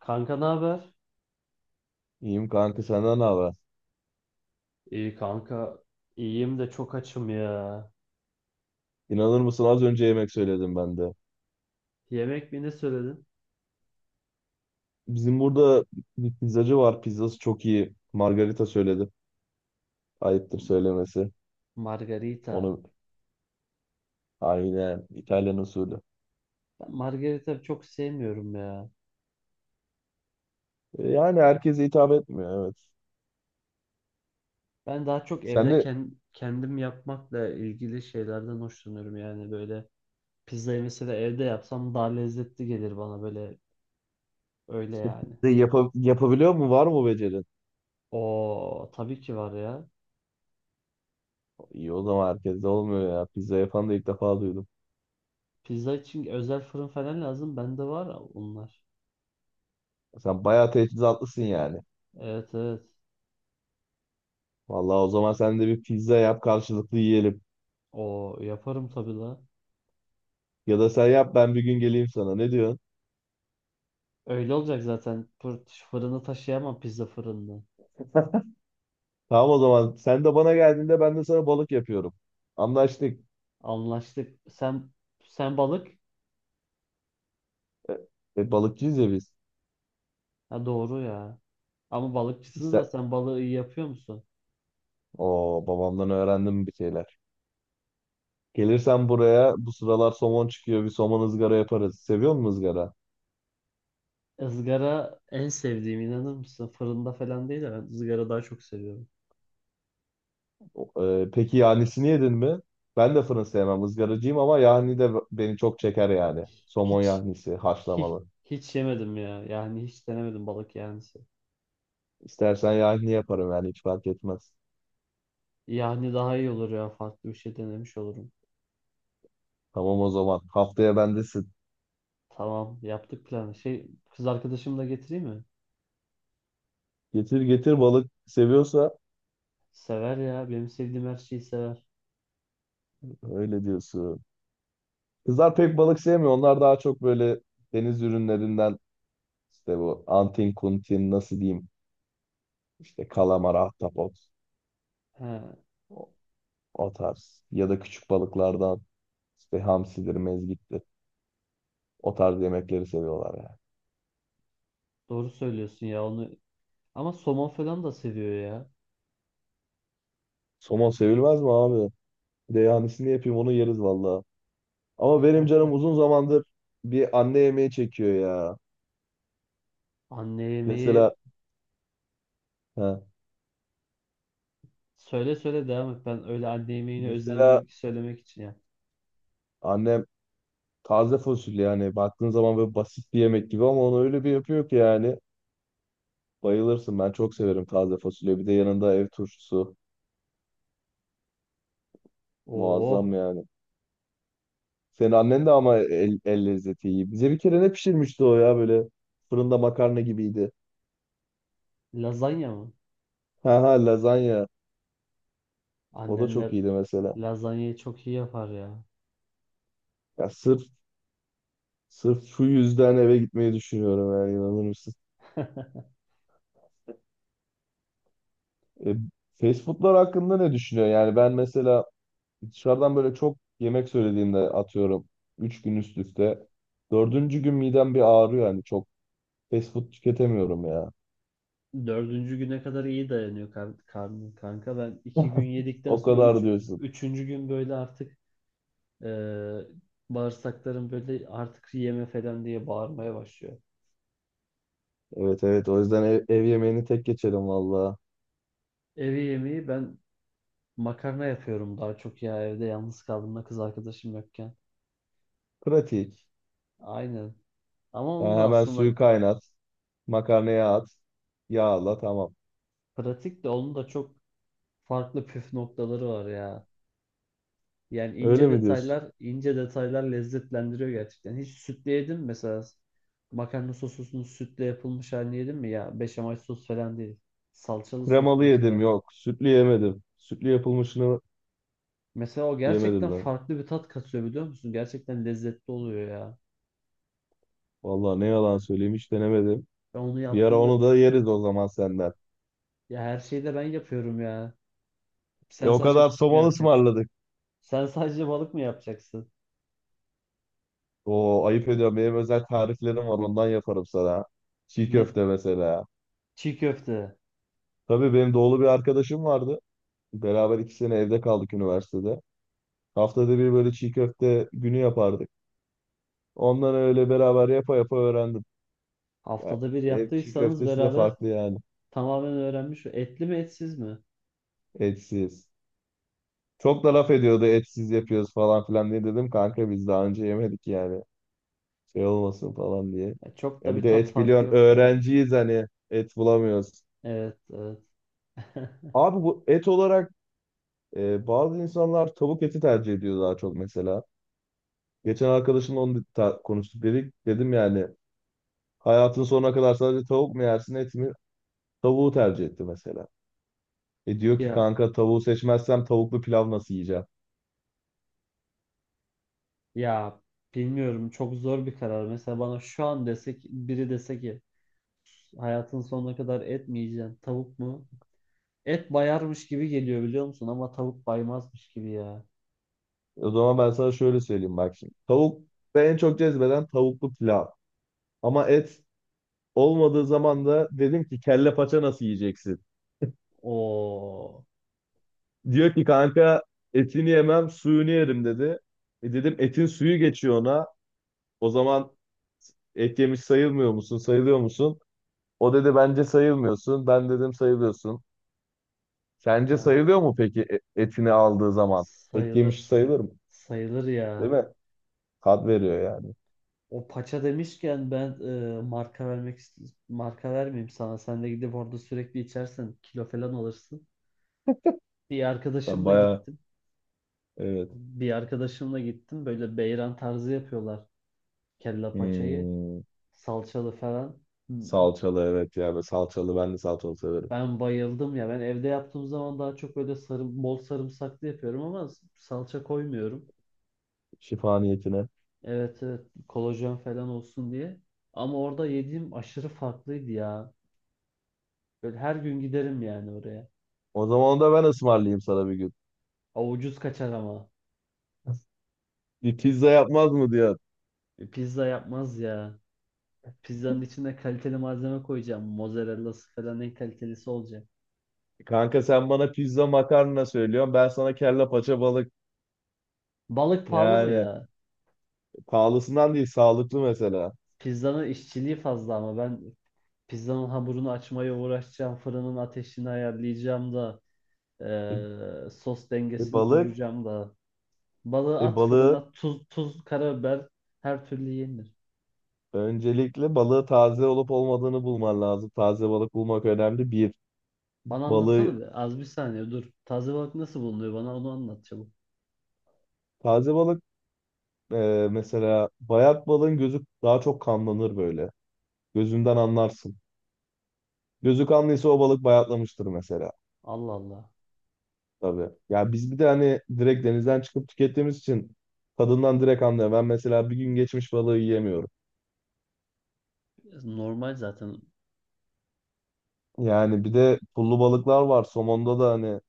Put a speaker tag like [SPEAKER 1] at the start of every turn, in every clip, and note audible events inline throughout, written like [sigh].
[SPEAKER 1] Kanka ne haber?
[SPEAKER 2] İyiyim kanka senden ne haber?
[SPEAKER 1] İyi kanka. İyiyim de çok açım ya.
[SPEAKER 2] İnanır mısın az önce yemek söyledim ben de.
[SPEAKER 1] Yemek mi ne söyledin?
[SPEAKER 2] Bizim burada bir pizzacı var. Pizzası çok iyi. Margarita söyledim. Ayıptır söylemesi.
[SPEAKER 1] Margarita.
[SPEAKER 2] Onu aynen İtalyan usulü.
[SPEAKER 1] Ben margarita çok sevmiyorum ya.
[SPEAKER 2] Yani herkese hitap etmiyor, evet.
[SPEAKER 1] Ben daha çok evde
[SPEAKER 2] Sen de
[SPEAKER 1] kendim yapmakla ilgili şeylerden hoşlanıyorum, yani böyle pizzayı mesela evde yapsam daha lezzetli gelir bana, böyle öyle
[SPEAKER 2] işte
[SPEAKER 1] yani.
[SPEAKER 2] pizza yapabiliyor mu? Var mı bu becerin?
[SPEAKER 1] O tabii ki var ya.
[SPEAKER 2] İyi, o zaman herkes de olmuyor ya. Pizza yapan da ilk defa duydum.
[SPEAKER 1] Pizza için özel fırın falan lazım. Bende var onlar.
[SPEAKER 2] Sen bayağı teçhizatlısın yani.
[SPEAKER 1] Evet evet.
[SPEAKER 2] Vallahi o zaman sen de bir pizza yap, karşılıklı yiyelim.
[SPEAKER 1] O yaparım tabii la.
[SPEAKER 2] Ya da sen yap, ben bir gün geleyim sana. Ne diyorsun?
[SPEAKER 1] Öyle olacak zaten. Fırını taşıyamam, pizza fırını.
[SPEAKER 2] Tamam o zaman. Sen de bana geldiğinde ben de sana balık yapıyorum. Anlaştık.
[SPEAKER 1] Anlaştık. Sen balık.
[SPEAKER 2] E, Balıkçıyız ya biz.
[SPEAKER 1] Ha doğru ya. Ama balıkçısınız da
[SPEAKER 2] İşte
[SPEAKER 1] sen balığı iyi yapıyor musun?
[SPEAKER 2] babamdan öğrendim bir şeyler. Gelirsen buraya bu sıralar somon çıkıyor. Bir somon ızgara yaparız. Seviyor musun ızgara?
[SPEAKER 1] Izgara en sevdiğim, inanır mısın? Fırında falan değil de ben ızgara daha çok seviyorum.
[SPEAKER 2] Peki yahnisini yedin mi? Ben de fırın sevmem. Izgaracıyım ama yahni de beni çok çeker yani. Somon
[SPEAKER 1] Hiç
[SPEAKER 2] yahnisi
[SPEAKER 1] hiç
[SPEAKER 2] haşlamalı.
[SPEAKER 1] hiç yemedim ya. Yani hiç denemedim balık yani.
[SPEAKER 2] İstersen yahni yaparım, yani hiç fark etmez.
[SPEAKER 1] Yani daha iyi olur ya. Farklı bir şey denemiş olurum.
[SPEAKER 2] Tamam o zaman. Haftaya bendesin.
[SPEAKER 1] Tamam, yaptık planı. Şey, kız arkadaşımı da getireyim mi?
[SPEAKER 2] Getir getir, balık seviyorsa
[SPEAKER 1] Sever ya. Benim sevdiğim her şeyi sever.
[SPEAKER 2] öyle diyorsun. Kızlar pek balık sevmiyor. Onlar daha çok böyle deniz ürünlerinden işte bu antin kuntin nasıl diyeyim, işte kalamar, ahtapot,
[SPEAKER 1] He.
[SPEAKER 2] o, o tarz ya da küçük balıklardan işte hamsidir, mezgittir. O tarz yemekleri seviyorlar yani.
[SPEAKER 1] Doğru söylüyorsun ya onu. Ama somon falan da seviyor ya.
[SPEAKER 2] Somon sevilmez mi abi? Bir de yanisini yapayım, onu yeriz valla. Ama benim canım uzun zamandır bir anne yemeği çekiyor ya.
[SPEAKER 1] Anne yemeği,
[SPEAKER 2] Mesela ha,
[SPEAKER 1] söyle söyle, devam et. Ben öyle anne yemeğini
[SPEAKER 2] mesela
[SPEAKER 1] özlemek söylemek için ya.
[SPEAKER 2] annem taze fasulye, yani baktığın zaman böyle basit bir yemek gibi ama onu öyle bir yapıyor ki yani. Bayılırsın. Ben çok severim taze fasulye. Bir de yanında ev turşusu. Muazzam
[SPEAKER 1] Oo,
[SPEAKER 2] yani. Senin annen de ama el lezzeti iyi. Bize bir kere ne pişirmişti o ya, böyle fırında makarna gibiydi.
[SPEAKER 1] lazanya mı?
[SPEAKER 2] Ha ha, lazanya. O da
[SPEAKER 1] Annem la-
[SPEAKER 2] çok iyiydi mesela.
[SPEAKER 1] Lazanyayı çok iyi yapar ya.
[SPEAKER 2] Ya sırf şu yüzden eve gitmeyi düşünüyorum yani, inanır mısın?
[SPEAKER 1] [laughs]
[SPEAKER 2] E, Fast foodlar hakkında ne düşünüyorsun? Yani ben mesela dışarıdan böyle çok yemek söylediğimde atıyorum 3 gün üst üste. Dördüncü gün midem bir ağrıyor yani, çok fast food tüketemiyorum ya.
[SPEAKER 1] Dördüncü güne kadar iyi dayanıyor karnım kanka. Ben iki gün yedikten
[SPEAKER 2] O
[SPEAKER 1] sonra
[SPEAKER 2] kadar
[SPEAKER 1] üç,
[SPEAKER 2] diyorsun.
[SPEAKER 1] üçüncü gün böyle artık eee bağırsaklarım böyle artık yeme falan diye bağırmaya başlıyor.
[SPEAKER 2] Evet evet, o yüzden ev yemeğini tek geçelim valla.
[SPEAKER 1] Evi yemeği ben makarna yapıyorum daha çok ya, evde yalnız kaldığımda kız arkadaşım yokken.
[SPEAKER 2] Pratik.
[SPEAKER 1] Aynen. Ama onun
[SPEAKER 2] Yani
[SPEAKER 1] da
[SPEAKER 2] hemen suyu
[SPEAKER 1] aslında
[SPEAKER 2] kaynat. Makarnaya at. Yağla tamam.
[SPEAKER 1] pratik, de onun da çok farklı püf noktaları var ya. Yani
[SPEAKER 2] Öyle
[SPEAKER 1] ince
[SPEAKER 2] mi diyorsun?
[SPEAKER 1] detaylar, ince detaylar lezzetlendiriyor gerçekten. Hiç sütle yedin mi mesela? Makarna sosusunun sütle yapılmış halini yedin mi ya? Beşamel sos falan değil. Salçalı sos
[SPEAKER 2] Kremalı yedim,
[SPEAKER 1] mesela.
[SPEAKER 2] yok. Sütlü yemedim. Sütlü yapılmışını
[SPEAKER 1] Mesela o gerçekten
[SPEAKER 2] yemedim lan.
[SPEAKER 1] farklı bir tat katıyor, biliyor musun? Gerçekten lezzetli oluyor ya.
[SPEAKER 2] Valla ne yalan söyleyeyim, hiç denemedim.
[SPEAKER 1] Ben onu
[SPEAKER 2] Bir ara
[SPEAKER 1] yaptığımda,
[SPEAKER 2] onu da yeriz o zaman senden.
[SPEAKER 1] ya her şeyi de ben yapıyorum ya.
[SPEAKER 2] E
[SPEAKER 1] Sen
[SPEAKER 2] o
[SPEAKER 1] sadece
[SPEAKER 2] kadar
[SPEAKER 1] balık mı
[SPEAKER 2] somalı
[SPEAKER 1] yapacaksın?
[SPEAKER 2] ısmarladık.
[SPEAKER 1] Sen sadece balık mı yapacaksın?
[SPEAKER 2] Oo, ayıp ediyorum. Benim özel tariflerim var, ondan yaparım sana. Çiğ
[SPEAKER 1] Ne,
[SPEAKER 2] köfte mesela.
[SPEAKER 1] çiğ köfte.
[SPEAKER 2] Tabii benim doğulu bir arkadaşım vardı. Beraber iki sene evde kaldık üniversitede. Haftada bir böyle çiğ köfte günü yapardık. Ondan öyle beraber yapa yapa öğrendim. Yani
[SPEAKER 1] Haftada bir
[SPEAKER 2] ev çiğ
[SPEAKER 1] yaptıysanız
[SPEAKER 2] köftesi de
[SPEAKER 1] beraber
[SPEAKER 2] farklı yani.
[SPEAKER 1] tamamen öğrenmiş. Etli mi etsiz mi?
[SPEAKER 2] Etsiz. Çok da laf ediyordu etsiz yapıyoruz falan filan diye, dedim kanka biz daha önce yemedik yani. Şey olmasın falan diye.
[SPEAKER 1] Ya çok da
[SPEAKER 2] Ya bir
[SPEAKER 1] bir
[SPEAKER 2] de
[SPEAKER 1] tat
[SPEAKER 2] et
[SPEAKER 1] farkı
[SPEAKER 2] biliyorsun,
[SPEAKER 1] yok ya.
[SPEAKER 2] öğrenciyiz hani, et bulamıyoruz.
[SPEAKER 1] Evet, evet. [laughs]
[SPEAKER 2] Abi bu et olarak bazı insanlar tavuk eti tercih ediyor daha çok mesela. Geçen arkadaşımla onu konuştuk, dedik. Dedim yani, hayatın sonuna kadar sadece tavuk mu yersin, et mi? Tavuğu tercih etti mesela. E diyor ki
[SPEAKER 1] Ya
[SPEAKER 2] kanka, tavuğu seçmezsem tavuklu pilav nasıl yiyeceğim?
[SPEAKER 1] ya bilmiyorum, çok zor bir karar. Mesela bana şu an desek, biri dese ki hayatın sonuna kadar et mi yiyeceksin? Tavuk mu? Et bayarmış gibi geliyor, biliyor musun? Ama tavuk baymazmış gibi ya.
[SPEAKER 2] O zaman ben sana şöyle söyleyeyim, bak şimdi. Tavuk ve en çok cezbeden tavuklu pilav. Ama et olmadığı zaman da dedim ki, kelle paça nasıl yiyeceksin?
[SPEAKER 1] Oo.
[SPEAKER 2] Diyor ki kanka, etini yemem suyunu yerim dedi. E dedim, etin suyu geçiyor ona. O zaman et yemiş sayılmıyor musun? Sayılıyor musun? O dedi bence sayılmıyorsun. Ben dedim sayılıyorsun. Sence
[SPEAKER 1] Ha,
[SPEAKER 2] sayılıyor mu peki etini aldığı zaman? Et yemiş
[SPEAKER 1] sayılırsın.
[SPEAKER 2] sayılır mı?
[SPEAKER 1] Sayılır
[SPEAKER 2] Değil
[SPEAKER 1] ya.
[SPEAKER 2] mi? Tat veriyor ya.
[SPEAKER 1] O paça demişken ben, e, marka vermek ist- marka vermeyeyim sana. Sen de gidip orada sürekli içersen kilo falan alırsın. Bir
[SPEAKER 2] Ben
[SPEAKER 1] arkadaşımla
[SPEAKER 2] bayağı,
[SPEAKER 1] gittim.
[SPEAKER 2] evet.
[SPEAKER 1] Bir arkadaşımla gittim. Böyle beyran tarzı yapıyorlar kelle paçayı.
[SPEAKER 2] Hmm,
[SPEAKER 1] Salçalı falan.
[SPEAKER 2] salçalı evet ya. Ben salçalı, ben de salçalı severim.
[SPEAKER 1] Ben bayıldım ya. Ben evde yaptığım zaman daha çok böyle sarı, bol sarımsaklı yapıyorum ama salça koymuyorum.
[SPEAKER 2] Şifa niyetine.
[SPEAKER 1] Evet evet, kolajen falan olsun diye. Ama orada yediğim aşırı farklıydı ya. Böyle her gün giderim yani oraya.
[SPEAKER 2] O zaman onu da ben ısmarlayayım sana bir gün.
[SPEAKER 1] O ucuz kaçar ama.
[SPEAKER 2] [laughs] Bir pizza yapmaz mı diyor.
[SPEAKER 1] Pizza yapmaz ya. Pizzanın içine kaliteli malzeme koyacağım. Mozzarella'sı falan en kalitelisi olacak.
[SPEAKER 2] Kanka sen bana pizza makarna söylüyorsun. Ben sana kelle paça balık.
[SPEAKER 1] Balık pahalı mı
[SPEAKER 2] Yani
[SPEAKER 1] ya?
[SPEAKER 2] pahalısından değil, sağlıklı mesela.
[SPEAKER 1] Pizzanın işçiliği fazla, ama ben pizzanın hamurunu açmaya uğraşacağım. Fırının ateşini ayarlayacağım da.
[SPEAKER 2] E,
[SPEAKER 1] Sos dengesini
[SPEAKER 2] balık.
[SPEAKER 1] kuracağım da. Balığı
[SPEAKER 2] E
[SPEAKER 1] at
[SPEAKER 2] balığı
[SPEAKER 1] fırına, tuz, karabiber, her türlü yenir.
[SPEAKER 2] Öncelikle balığı taze olup olmadığını bulman lazım. Taze balık bulmak önemli. Bir
[SPEAKER 1] Bana anlatsana
[SPEAKER 2] balığı
[SPEAKER 1] bir. Az bir saniye dur. Taze balık nasıl bulunuyor? Bana onu anlat çabuk.
[SPEAKER 2] taze balık, e, mesela bayat balığın gözü daha çok kanlanır böyle. Gözünden anlarsın. Gözü kanlıysa o balık bayatlamıştır mesela.
[SPEAKER 1] Allah Allah.
[SPEAKER 2] Tabii. Ya biz bir de hani direkt denizden çıkıp tükettiğimiz için tadından direkt anlıyor. Ben mesela bir gün geçmiş balığı yiyemiyorum.
[SPEAKER 1] Normal zaten.
[SPEAKER 2] Yani bir de pullu balıklar var. Somonda da hani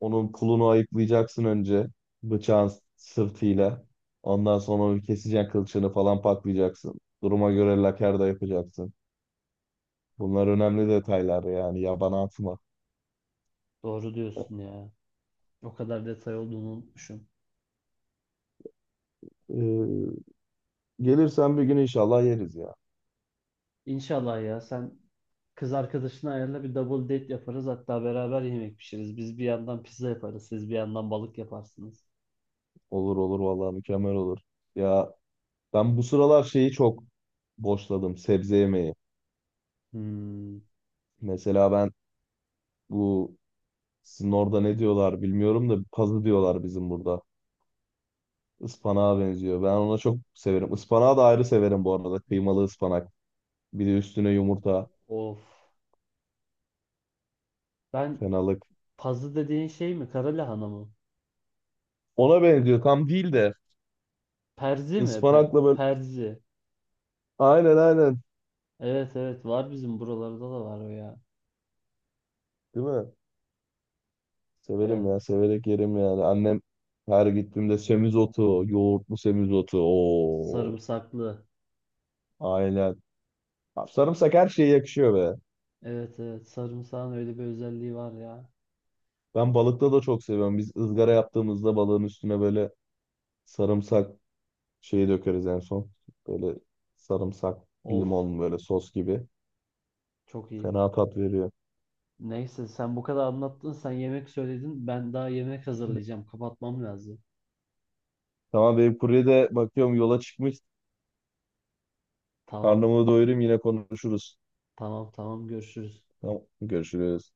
[SPEAKER 2] onun pulunu ayıklayacaksın önce, bıçağın sırtıyla. Ondan sonra onu keseceksin, kılçığını falan paklayacaksın. Duruma göre laker de yapacaksın. Bunlar önemli detaylar yani, yabana atma.
[SPEAKER 1] Doğru diyorsun ya. O kadar detay olduğunu unutmuşum.
[SPEAKER 2] Ee, Gelirsen bir gün inşallah yeriz ya.
[SPEAKER 1] İnşallah ya, sen kız arkadaşını ayarla, bir double date yaparız. Hatta beraber yemek pişiririz. Biz bir yandan pizza yaparız. Siz bir yandan balık yaparsınız.
[SPEAKER 2] Olur olur, vallahi mükemmel olur. Ya ben bu sıralar şeyi çok boşladım, sebze yemeği.
[SPEAKER 1] Hmm,
[SPEAKER 2] Mesela ben bu sizin orada ne diyorlar bilmiyorum da, pazı diyorlar bizim burada. Ispanağa benziyor. Ben ona çok severim. Ispanağı da ayrı severim bu arada. Kıymalı ıspanak. Bir de üstüne yumurta.
[SPEAKER 1] of. Ben,
[SPEAKER 2] Fenalık.
[SPEAKER 1] pazı dediğin şey mi? Kara lahana mı?
[SPEAKER 2] Ona benziyor tam değil de,
[SPEAKER 1] Perzi mi?
[SPEAKER 2] ıspanakla böyle,
[SPEAKER 1] Perzi.
[SPEAKER 2] aynen aynen,
[SPEAKER 1] Evet evet, var bizim buralarda da var o ya.
[SPEAKER 2] değil mi? Severim
[SPEAKER 1] Evet.
[SPEAKER 2] ya, severek yerim yani. Annem her gittiğimde semizotu, yoğurtlu semizotu. Oo,
[SPEAKER 1] Sarımsaklı.
[SPEAKER 2] aynen. Abi sarımsak her şeye yakışıyor be.
[SPEAKER 1] Evet evet, sarımsağın öyle bir özelliği var ya.
[SPEAKER 2] Ben balıkta da çok seviyorum. Biz ızgara yaptığımızda balığın üstüne böyle sarımsak şeyi dökeriz en son. Böyle sarımsak,
[SPEAKER 1] Of,
[SPEAKER 2] limon, böyle sos gibi.
[SPEAKER 1] çok iyi.
[SPEAKER 2] Fena tat veriyor.
[SPEAKER 1] Neyse, sen bu kadar anlattın. Sen yemek söyledin. Ben daha yemek hazırlayacağım. Kapatmam lazım.
[SPEAKER 2] Tamam, benim kurye de bakıyorum yola çıkmış.
[SPEAKER 1] Tamam.
[SPEAKER 2] Karnımı doyurayım, yine konuşuruz.
[SPEAKER 1] Tamam tamam, görüşürüz.
[SPEAKER 2] Tamam, görüşürüz.